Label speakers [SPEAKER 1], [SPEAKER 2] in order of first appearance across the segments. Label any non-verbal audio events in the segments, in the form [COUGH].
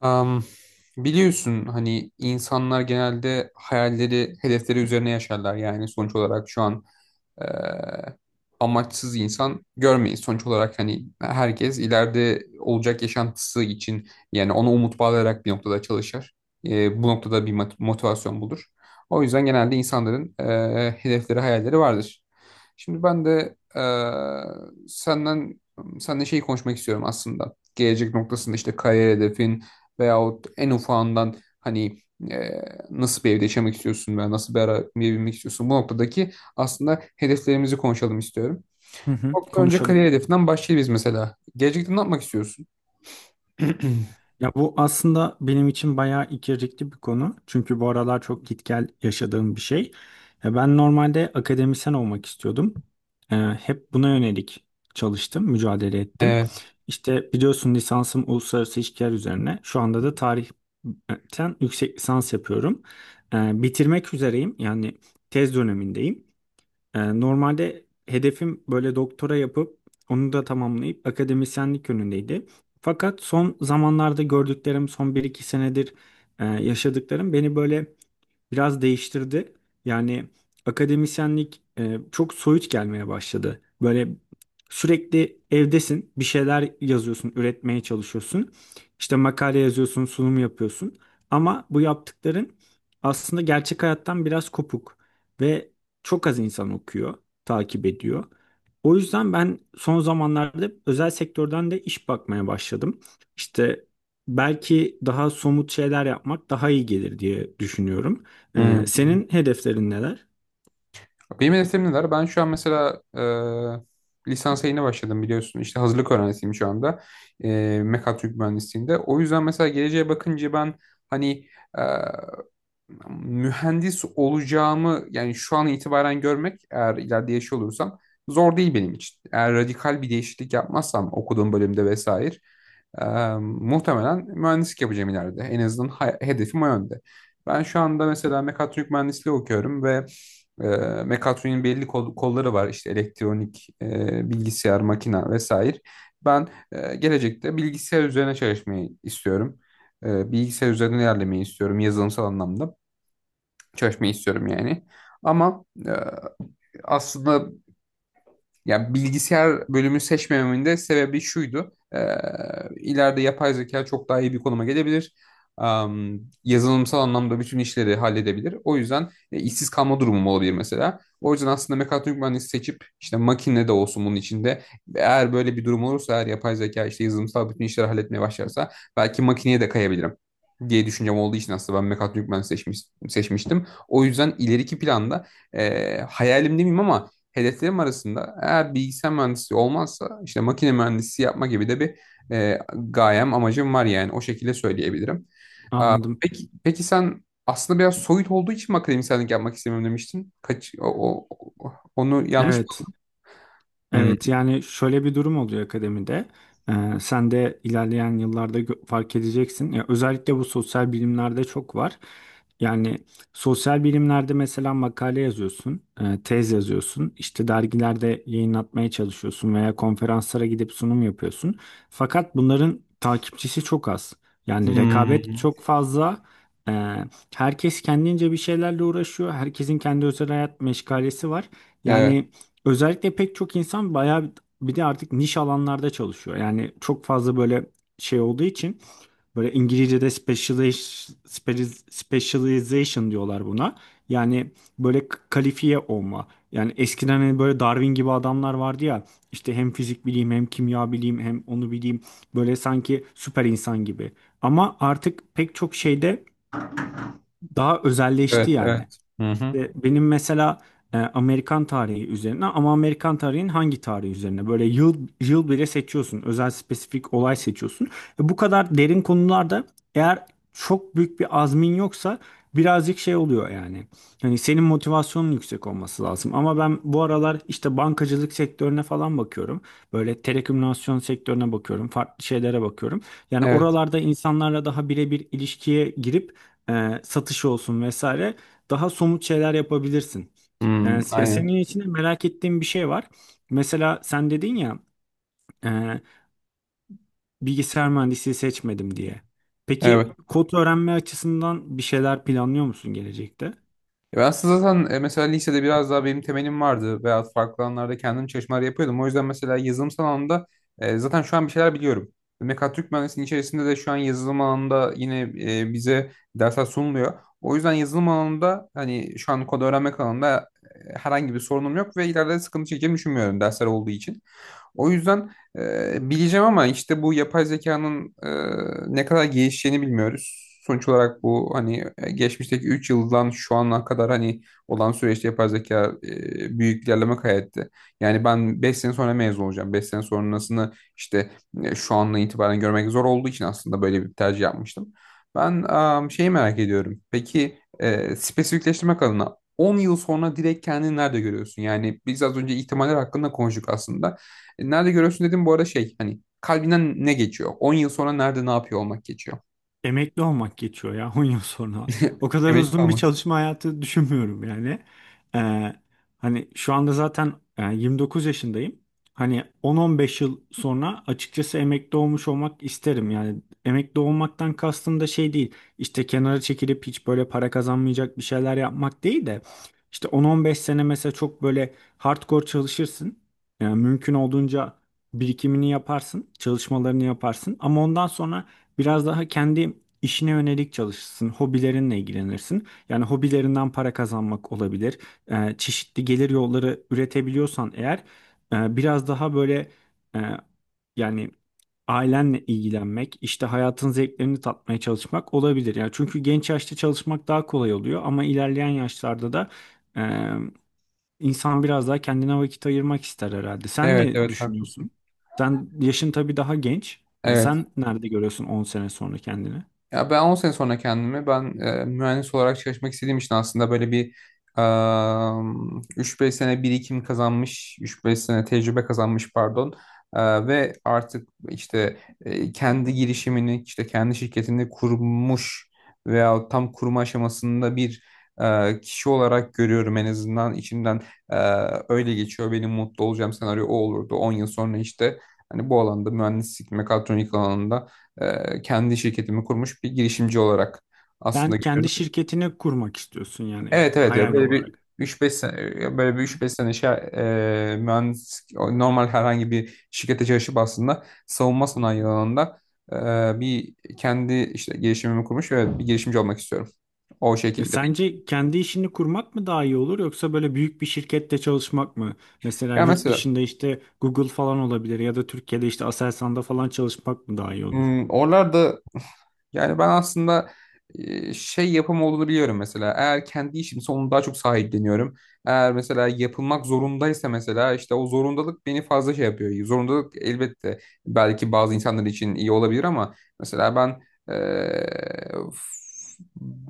[SPEAKER 1] Am, Biliyorsun hani insanlar genelde hayalleri, hedefleri üzerine yaşarlar. Yani sonuç olarak şu an e, amaçsız insan görmeyiz. Sonuç olarak hani herkes ileride olacak yaşantısı için yani ona umut bağlayarak bir noktada çalışır. Bu noktada bir motivasyon bulur. O yüzden genelde insanların hedefleri, hayalleri vardır. Şimdi ben de senden seninle şey konuşmak istiyorum aslında. Gelecek noktasında işte kariyer hedefin, veyahut en ufağından hani e, nasıl bir evde yaşamak istiyorsun veya nasıl bir arabaya binmek istiyorsun, bu noktadaki aslında hedeflerimizi konuşalım istiyorum.
[SPEAKER 2] Hı hı,
[SPEAKER 1] Bu noktada önce
[SPEAKER 2] konuşalım.
[SPEAKER 1] kariyer hedefinden başlayalım biz mesela. Gelecekte ne yapmak istiyorsun? [CLEARS THROAT]
[SPEAKER 2] Ya bu aslında benim için bayağı ikircikli bir konu. Çünkü bu aralar çok git gel yaşadığım bir şey. Ya ben normalde akademisyen olmak istiyordum. Hep buna yönelik çalıştım, mücadele ettim.
[SPEAKER 1] Evet.
[SPEAKER 2] İşte biliyorsun lisansım uluslararası ilişkiler üzerine. Şu anda da tarihten yüksek lisans yapıyorum. Bitirmek üzereyim. Yani tez dönemindeyim. Normalde hedefim böyle doktora yapıp onu da tamamlayıp akademisyenlik yönündeydi. Fakat son zamanlarda gördüklerim, son bir iki senedir yaşadıklarım beni böyle biraz değiştirdi. Yani akademisyenlik çok soyut gelmeye başladı. Böyle sürekli evdesin, bir şeyler yazıyorsun, üretmeye çalışıyorsun. İşte makale yazıyorsun, sunum yapıyorsun. Ama bu yaptıkların aslında gerçek hayattan biraz kopuk ve çok az insan okuyor, takip ediyor. O yüzden ben son zamanlarda özel sektörden de iş bakmaya başladım. İşte belki daha somut şeyler yapmak daha iyi gelir diye düşünüyorum. Ee,
[SPEAKER 1] Hmm.
[SPEAKER 2] senin hedeflerin neler?
[SPEAKER 1] Benim hedeflerim neler? Ben şu an mesela lisans yayına başladım biliyorsun. İşte hazırlık öğrencisiyim şu anda. E, Mekatronik mühendisliğinde. O yüzden mesela geleceğe bakınca ben hani mühendis olacağımı, yani şu an itibaren görmek, eğer ileride yaşıyor olursam zor değil benim için. Eğer radikal bir değişiklik yapmazsam okuduğum bölümde vesaire e, muhtemelen mühendislik yapacağım ileride. En azından hedefim o yönde. Ben şu anda mesela mekatronik mühendisliği okuyorum ve e, mekatroniğin belli kolları var. İşte elektronik, bilgisayar, makina vesaire. Ben gelecekte bilgisayar üzerine çalışmayı istiyorum. Bilgisayar üzerine ilerlemeyi istiyorum, yazılımsal anlamda çalışmayı istiyorum yani. Ama aslında yani bilgisayar bölümü seçmememin de sebebi şuydu. İleride yapay zeka çok daha iyi bir konuma gelebilir. Yazılımsal anlamda bütün işleri halledebilir. O yüzden işsiz kalma durumum olabilir mesela. O yüzden aslında mekatronik mühendisi seçip işte makine de olsun bunun içinde. Eğer böyle bir durum olursa, eğer yapay zeka işte yazılımsal bütün işleri halletmeye başlarsa belki makineye de kayabilirim diye düşüncem olduğu için aslında ben mekatronik mühendisi seçmiştim. O yüzden ileriki planda hayalimde miyim ama hedeflerim arasında, eğer bilgisayar mühendisliği olmazsa işte makine mühendisi yapma gibi de bir gayem, amacım var, yani o şekilde söyleyebilirim. Aa,
[SPEAKER 2] Anladım.
[SPEAKER 1] peki, peki sen aslında biraz soyut olduğu için mi akademisyenlik yapmak istemiyorum demiştin? Kaç, o, o- o- Onu yanlış mı?
[SPEAKER 2] Evet.
[SPEAKER 1] Hmm.
[SPEAKER 2] Evet yani şöyle bir durum oluyor akademide. Ee, sen de ilerleyen yıllarda fark edeceksin. Ya özellikle bu sosyal bilimlerde çok var. Yani sosyal bilimlerde mesela makale yazıyorsun, tez yazıyorsun, işte dergilerde yayınlatmaya çalışıyorsun veya konferanslara gidip sunum yapıyorsun. Fakat bunların takipçisi çok az. Yani rekabet
[SPEAKER 1] Hmm.
[SPEAKER 2] çok fazla. Ee, herkes kendince bir şeylerle uğraşıyor. Herkesin kendi özel hayat meşgalesi var.
[SPEAKER 1] Evet,
[SPEAKER 2] Yani özellikle pek çok insan bayağı bir bir de artık niş alanlarda çalışıyor. Yani çok fazla böyle şey olduğu için böyle İngilizce'de specialization diyorlar buna. Yani böyle kalifiye olma. Yani eskiden hani böyle Darwin gibi adamlar vardı ya işte hem fizik bileyim hem kimya bileyim hem onu bileyim böyle sanki süper insan gibi. Ama artık pek çok şeyde daha özelleşti
[SPEAKER 1] evet, evet.
[SPEAKER 2] yani.
[SPEAKER 1] Hı hı.
[SPEAKER 2] İşte benim mesela Amerikan tarihi üzerine ama Amerikan tarihinin hangi tarihi üzerine? Böyle yıl yıl bile seçiyorsun. Özel spesifik olay seçiyorsun. Bu kadar derin konularda eğer çok büyük bir azmin yoksa birazcık şey oluyor yani. Hani senin motivasyonun yüksek olması lazım. Ama ben bu aralar işte bankacılık sektörüne falan bakıyorum. Böyle telekomünikasyon sektörüne bakıyorum. Farklı şeylere bakıyorum. Yani
[SPEAKER 1] Evet.
[SPEAKER 2] oralarda insanlarla daha birebir ilişkiye girip satış olsun vesaire daha somut şeyler yapabilirsin. Ee,
[SPEAKER 1] Hmm,
[SPEAKER 2] ya
[SPEAKER 1] aynen.
[SPEAKER 2] senin içinde merak ettiğim bir şey var. Mesela sen dedin ya e, bilgisayar mühendisliği seçmedim diye.
[SPEAKER 1] Evet.
[SPEAKER 2] Peki kod öğrenme açısından bir şeyler planlıyor musun gelecekte?
[SPEAKER 1] Ya ben aslında zaten mesela lisede biraz daha benim temelim vardı veya farklı alanlarda kendim çalışmalar yapıyordum. O yüzden mesela yazılımsal alanda zaten şu an bir şeyler biliyorum. Mekatronik mühendisliğinin içerisinde de şu an yazılım alanında yine bize dersler sunuluyor. O yüzden yazılım alanında hani şu an kod öğrenmek alanında herhangi bir sorunum yok ve ileride sıkıntı çekeceğimi düşünmüyorum, dersler olduğu için. O yüzden bileceğim, ama işte bu yapay zekanın ne kadar gelişeceğini bilmiyoruz. Sonuç olarak bu hani geçmişteki 3 yıldan şu ana kadar hani olan süreçte yapay zeka büyük ilerleme kaydetti. Yani ben 5 sene sonra mezun olacağım. 5 sene sonrasını işte şu anla itibaren görmek zor olduğu için aslında böyle bir tercih yapmıştım. Ben şeyi merak ediyorum. Peki spesifikleştirmek adına 10 yıl sonra direkt kendini nerede görüyorsun? Yani biz az önce ihtimaller hakkında konuştuk aslında. Nerede görüyorsun dedim, bu arada şey hani kalbinden ne geçiyor? 10 yıl sonra nerede ne yapıyor olmak geçiyor.
[SPEAKER 2] Emekli olmak geçiyor ya [LAUGHS] 10 yıl sonra.
[SPEAKER 1] [LAUGHS]
[SPEAKER 2] O kadar
[SPEAKER 1] Emekli
[SPEAKER 2] uzun bir
[SPEAKER 1] olmak.
[SPEAKER 2] çalışma hayatı düşünmüyorum yani. Ee, hani şu anda zaten 29 yaşındayım. Hani 10-15 yıl sonra açıkçası emekli olmuş olmak isterim. Yani emekli olmaktan kastım da şey değil. İşte kenara çekilip hiç böyle para kazanmayacak bir şeyler yapmak değil de. İşte 10-15 sene mesela çok böyle hardcore çalışırsın. Yani mümkün olduğunca birikimini yaparsın, çalışmalarını yaparsın. Ama ondan sonra biraz daha kendi işine yönelik çalışırsın, hobilerinle ilgilenirsin. Yani hobilerinden para kazanmak olabilir. Çeşitli gelir yolları üretebiliyorsan eğer biraz daha böyle e, yani ailenle ilgilenmek, işte hayatın zevklerini tatmaya çalışmak olabilir. Yani çünkü genç yaşta çalışmak daha kolay oluyor ama ilerleyen yaşlarda da İnsan biraz daha kendine vakit ayırmak ister herhalde. Sen
[SPEAKER 1] Evet,
[SPEAKER 2] ne
[SPEAKER 1] evet, haklısın.
[SPEAKER 2] düşünüyorsun? Sen yaşın tabii daha genç. Yani
[SPEAKER 1] Evet.
[SPEAKER 2] sen nerede görüyorsun 10 sene sonra kendini?
[SPEAKER 1] Ya ben 10 sene sonra kendimi, ben mühendis olarak çalışmak istediğim için, aslında böyle bir e, 3-5 sene birikim kazanmış, üç beş sene tecrübe kazanmış pardon. Ve artık işte kendi girişimini, işte kendi şirketini kurmuş veya tam kurma aşamasında bir kişi olarak görüyorum en azından. İçimden e, öyle geçiyor. Benim mutlu olacağım senaryo o olurdu. 10 yıl sonra işte hani bu alanda mühendislik, mekatronik alanında kendi şirketimi kurmuş bir girişimci olarak
[SPEAKER 2] Sen
[SPEAKER 1] aslında
[SPEAKER 2] kendi
[SPEAKER 1] görüyorum.
[SPEAKER 2] şirketini kurmak istiyorsun yani
[SPEAKER 1] Evet, evet. Ya
[SPEAKER 2] hayal
[SPEAKER 1] böyle bir
[SPEAKER 2] olarak.
[SPEAKER 1] üç beş sene, ya böyle bir üç beş sene şey, mühendis normal herhangi bir şirkete çalışıp aslında savunma sanayi alanında bir kendi işte girişimimi kurmuş ve bir girişimci olmak istiyorum. O
[SPEAKER 2] Ya
[SPEAKER 1] şekilde. Peki,
[SPEAKER 2] sence kendi işini kurmak mı daha iyi olur yoksa böyle büyük bir şirkette çalışmak mı? Mesela
[SPEAKER 1] ya
[SPEAKER 2] yurt
[SPEAKER 1] mesela
[SPEAKER 2] dışında işte Google falan olabilir ya da Türkiye'de işte Aselsan'da falan çalışmak mı daha iyi olur?
[SPEAKER 1] oralarda, yani ben aslında şey yapım olduğunu biliyorum mesela. Eğer kendi işimse onu daha çok sahipleniyorum. Eğer mesela yapılmak zorundaysa, mesela işte o zorundalık beni fazla şey yapıyor. Zorundalık elbette belki bazı insanlar için iyi olabilir, ama mesela ben e,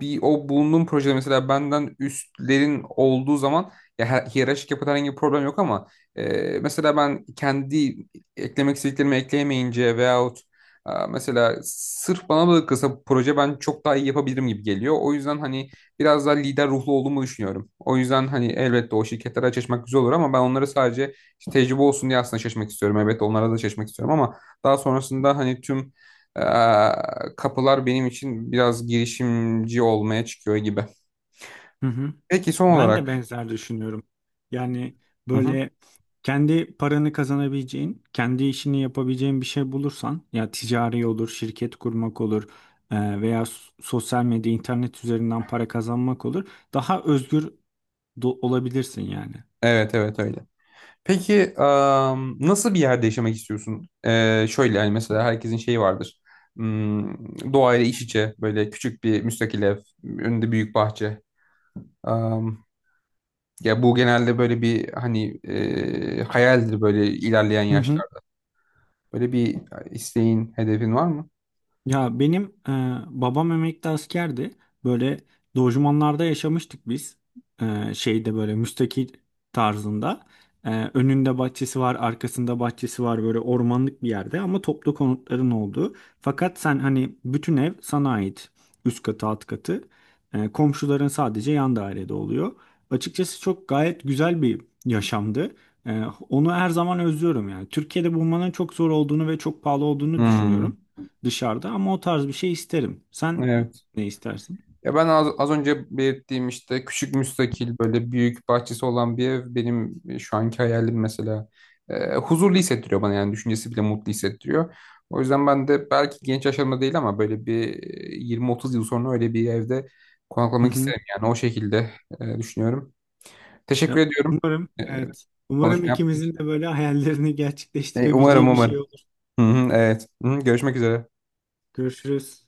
[SPEAKER 1] bir o bulunduğum projede mesela benden üstlerin olduğu zaman, ya hiyerarşik yapıda herhangi bir problem yok, ama mesela ben kendi eklemek istediklerimi ekleyemeyince veyahut mesela sırf bana bırakılsa bu proje ben çok daha iyi yapabilirim gibi geliyor. O yüzden hani biraz daha lider ruhlu olduğumu düşünüyorum. O yüzden hani elbette o şirketlere çalışmak güzel olur, ama ben onlara sadece işte tecrübe olsun diye aslında çalışmak istiyorum. Elbette onlara da çalışmak istiyorum, ama daha sonrasında hani tüm eee, kapılar benim için biraz girişimci olmaya çıkıyor gibi.
[SPEAKER 2] Hı hı.
[SPEAKER 1] Peki son
[SPEAKER 2] Ben de
[SPEAKER 1] olarak.
[SPEAKER 2] benzer düşünüyorum. Yani
[SPEAKER 1] Hı hı.
[SPEAKER 2] böyle kendi paranı kazanabileceğin, kendi işini yapabileceğin bir şey bulursan, ya ticari olur, şirket kurmak olur veya sosyal medya, internet üzerinden para kazanmak olur. Daha özgür olabilirsin yani.
[SPEAKER 1] Evet, evet, öyle. Peki nasıl bir yerde yaşamak istiyorsun? Şöyle yani mesela herkesin şeyi vardır. Doğayla iç içe böyle küçük bir müstakil ev, önünde büyük bahçe. Am, Ya bu genelde böyle bir hani hayaldir, böyle ilerleyen
[SPEAKER 2] Hı
[SPEAKER 1] yaşlar.
[SPEAKER 2] hı.
[SPEAKER 1] Böyle bir isteğin, hedefin var mı?
[SPEAKER 2] Ya benim e, babam emekli askerdi. Böyle lojmanlarda yaşamıştık biz. Şeyde böyle müstakil tarzında. Önünde bahçesi var, arkasında bahçesi var böyle ormanlık bir yerde ama toplu konutların olduğu. Fakat sen hani bütün ev sana ait. Üst katı, alt katı. Komşuların sadece yan dairede oluyor. Açıkçası çok gayet güzel bir yaşamdı. E, onu her zaman özlüyorum yani. Türkiye'de bulmanın çok zor olduğunu ve çok pahalı olduğunu
[SPEAKER 1] Hmm,
[SPEAKER 2] düşünüyorum dışarıda ama o tarz bir şey isterim. Sen
[SPEAKER 1] evet.
[SPEAKER 2] ne istersin?
[SPEAKER 1] Ya ben az önce belirttiğim işte küçük müstakil böyle büyük bahçesi olan bir ev benim şu anki hayalim mesela. Huzurlu hissettiriyor bana, yani düşüncesi bile mutlu hissettiriyor. O yüzden ben de belki genç yaşlarımda değil ama böyle bir 20-30 yıl sonra öyle bir evde
[SPEAKER 2] Hı
[SPEAKER 1] konaklamak
[SPEAKER 2] hı.
[SPEAKER 1] isterim, yani o şekilde düşünüyorum. Teşekkür
[SPEAKER 2] Ya,
[SPEAKER 1] ediyorum
[SPEAKER 2] umarım,
[SPEAKER 1] e,
[SPEAKER 2] evet. Umarım
[SPEAKER 1] konuşma yaptığın
[SPEAKER 2] ikimizin
[SPEAKER 1] için.
[SPEAKER 2] de böyle hayallerini [LAUGHS]
[SPEAKER 1] E, umarım
[SPEAKER 2] gerçekleştirebileceği bir
[SPEAKER 1] umarım.
[SPEAKER 2] şey olur.
[SPEAKER 1] Hı hı, evet. Hı hı, görüşmek üzere.
[SPEAKER 2] Görüşürüz.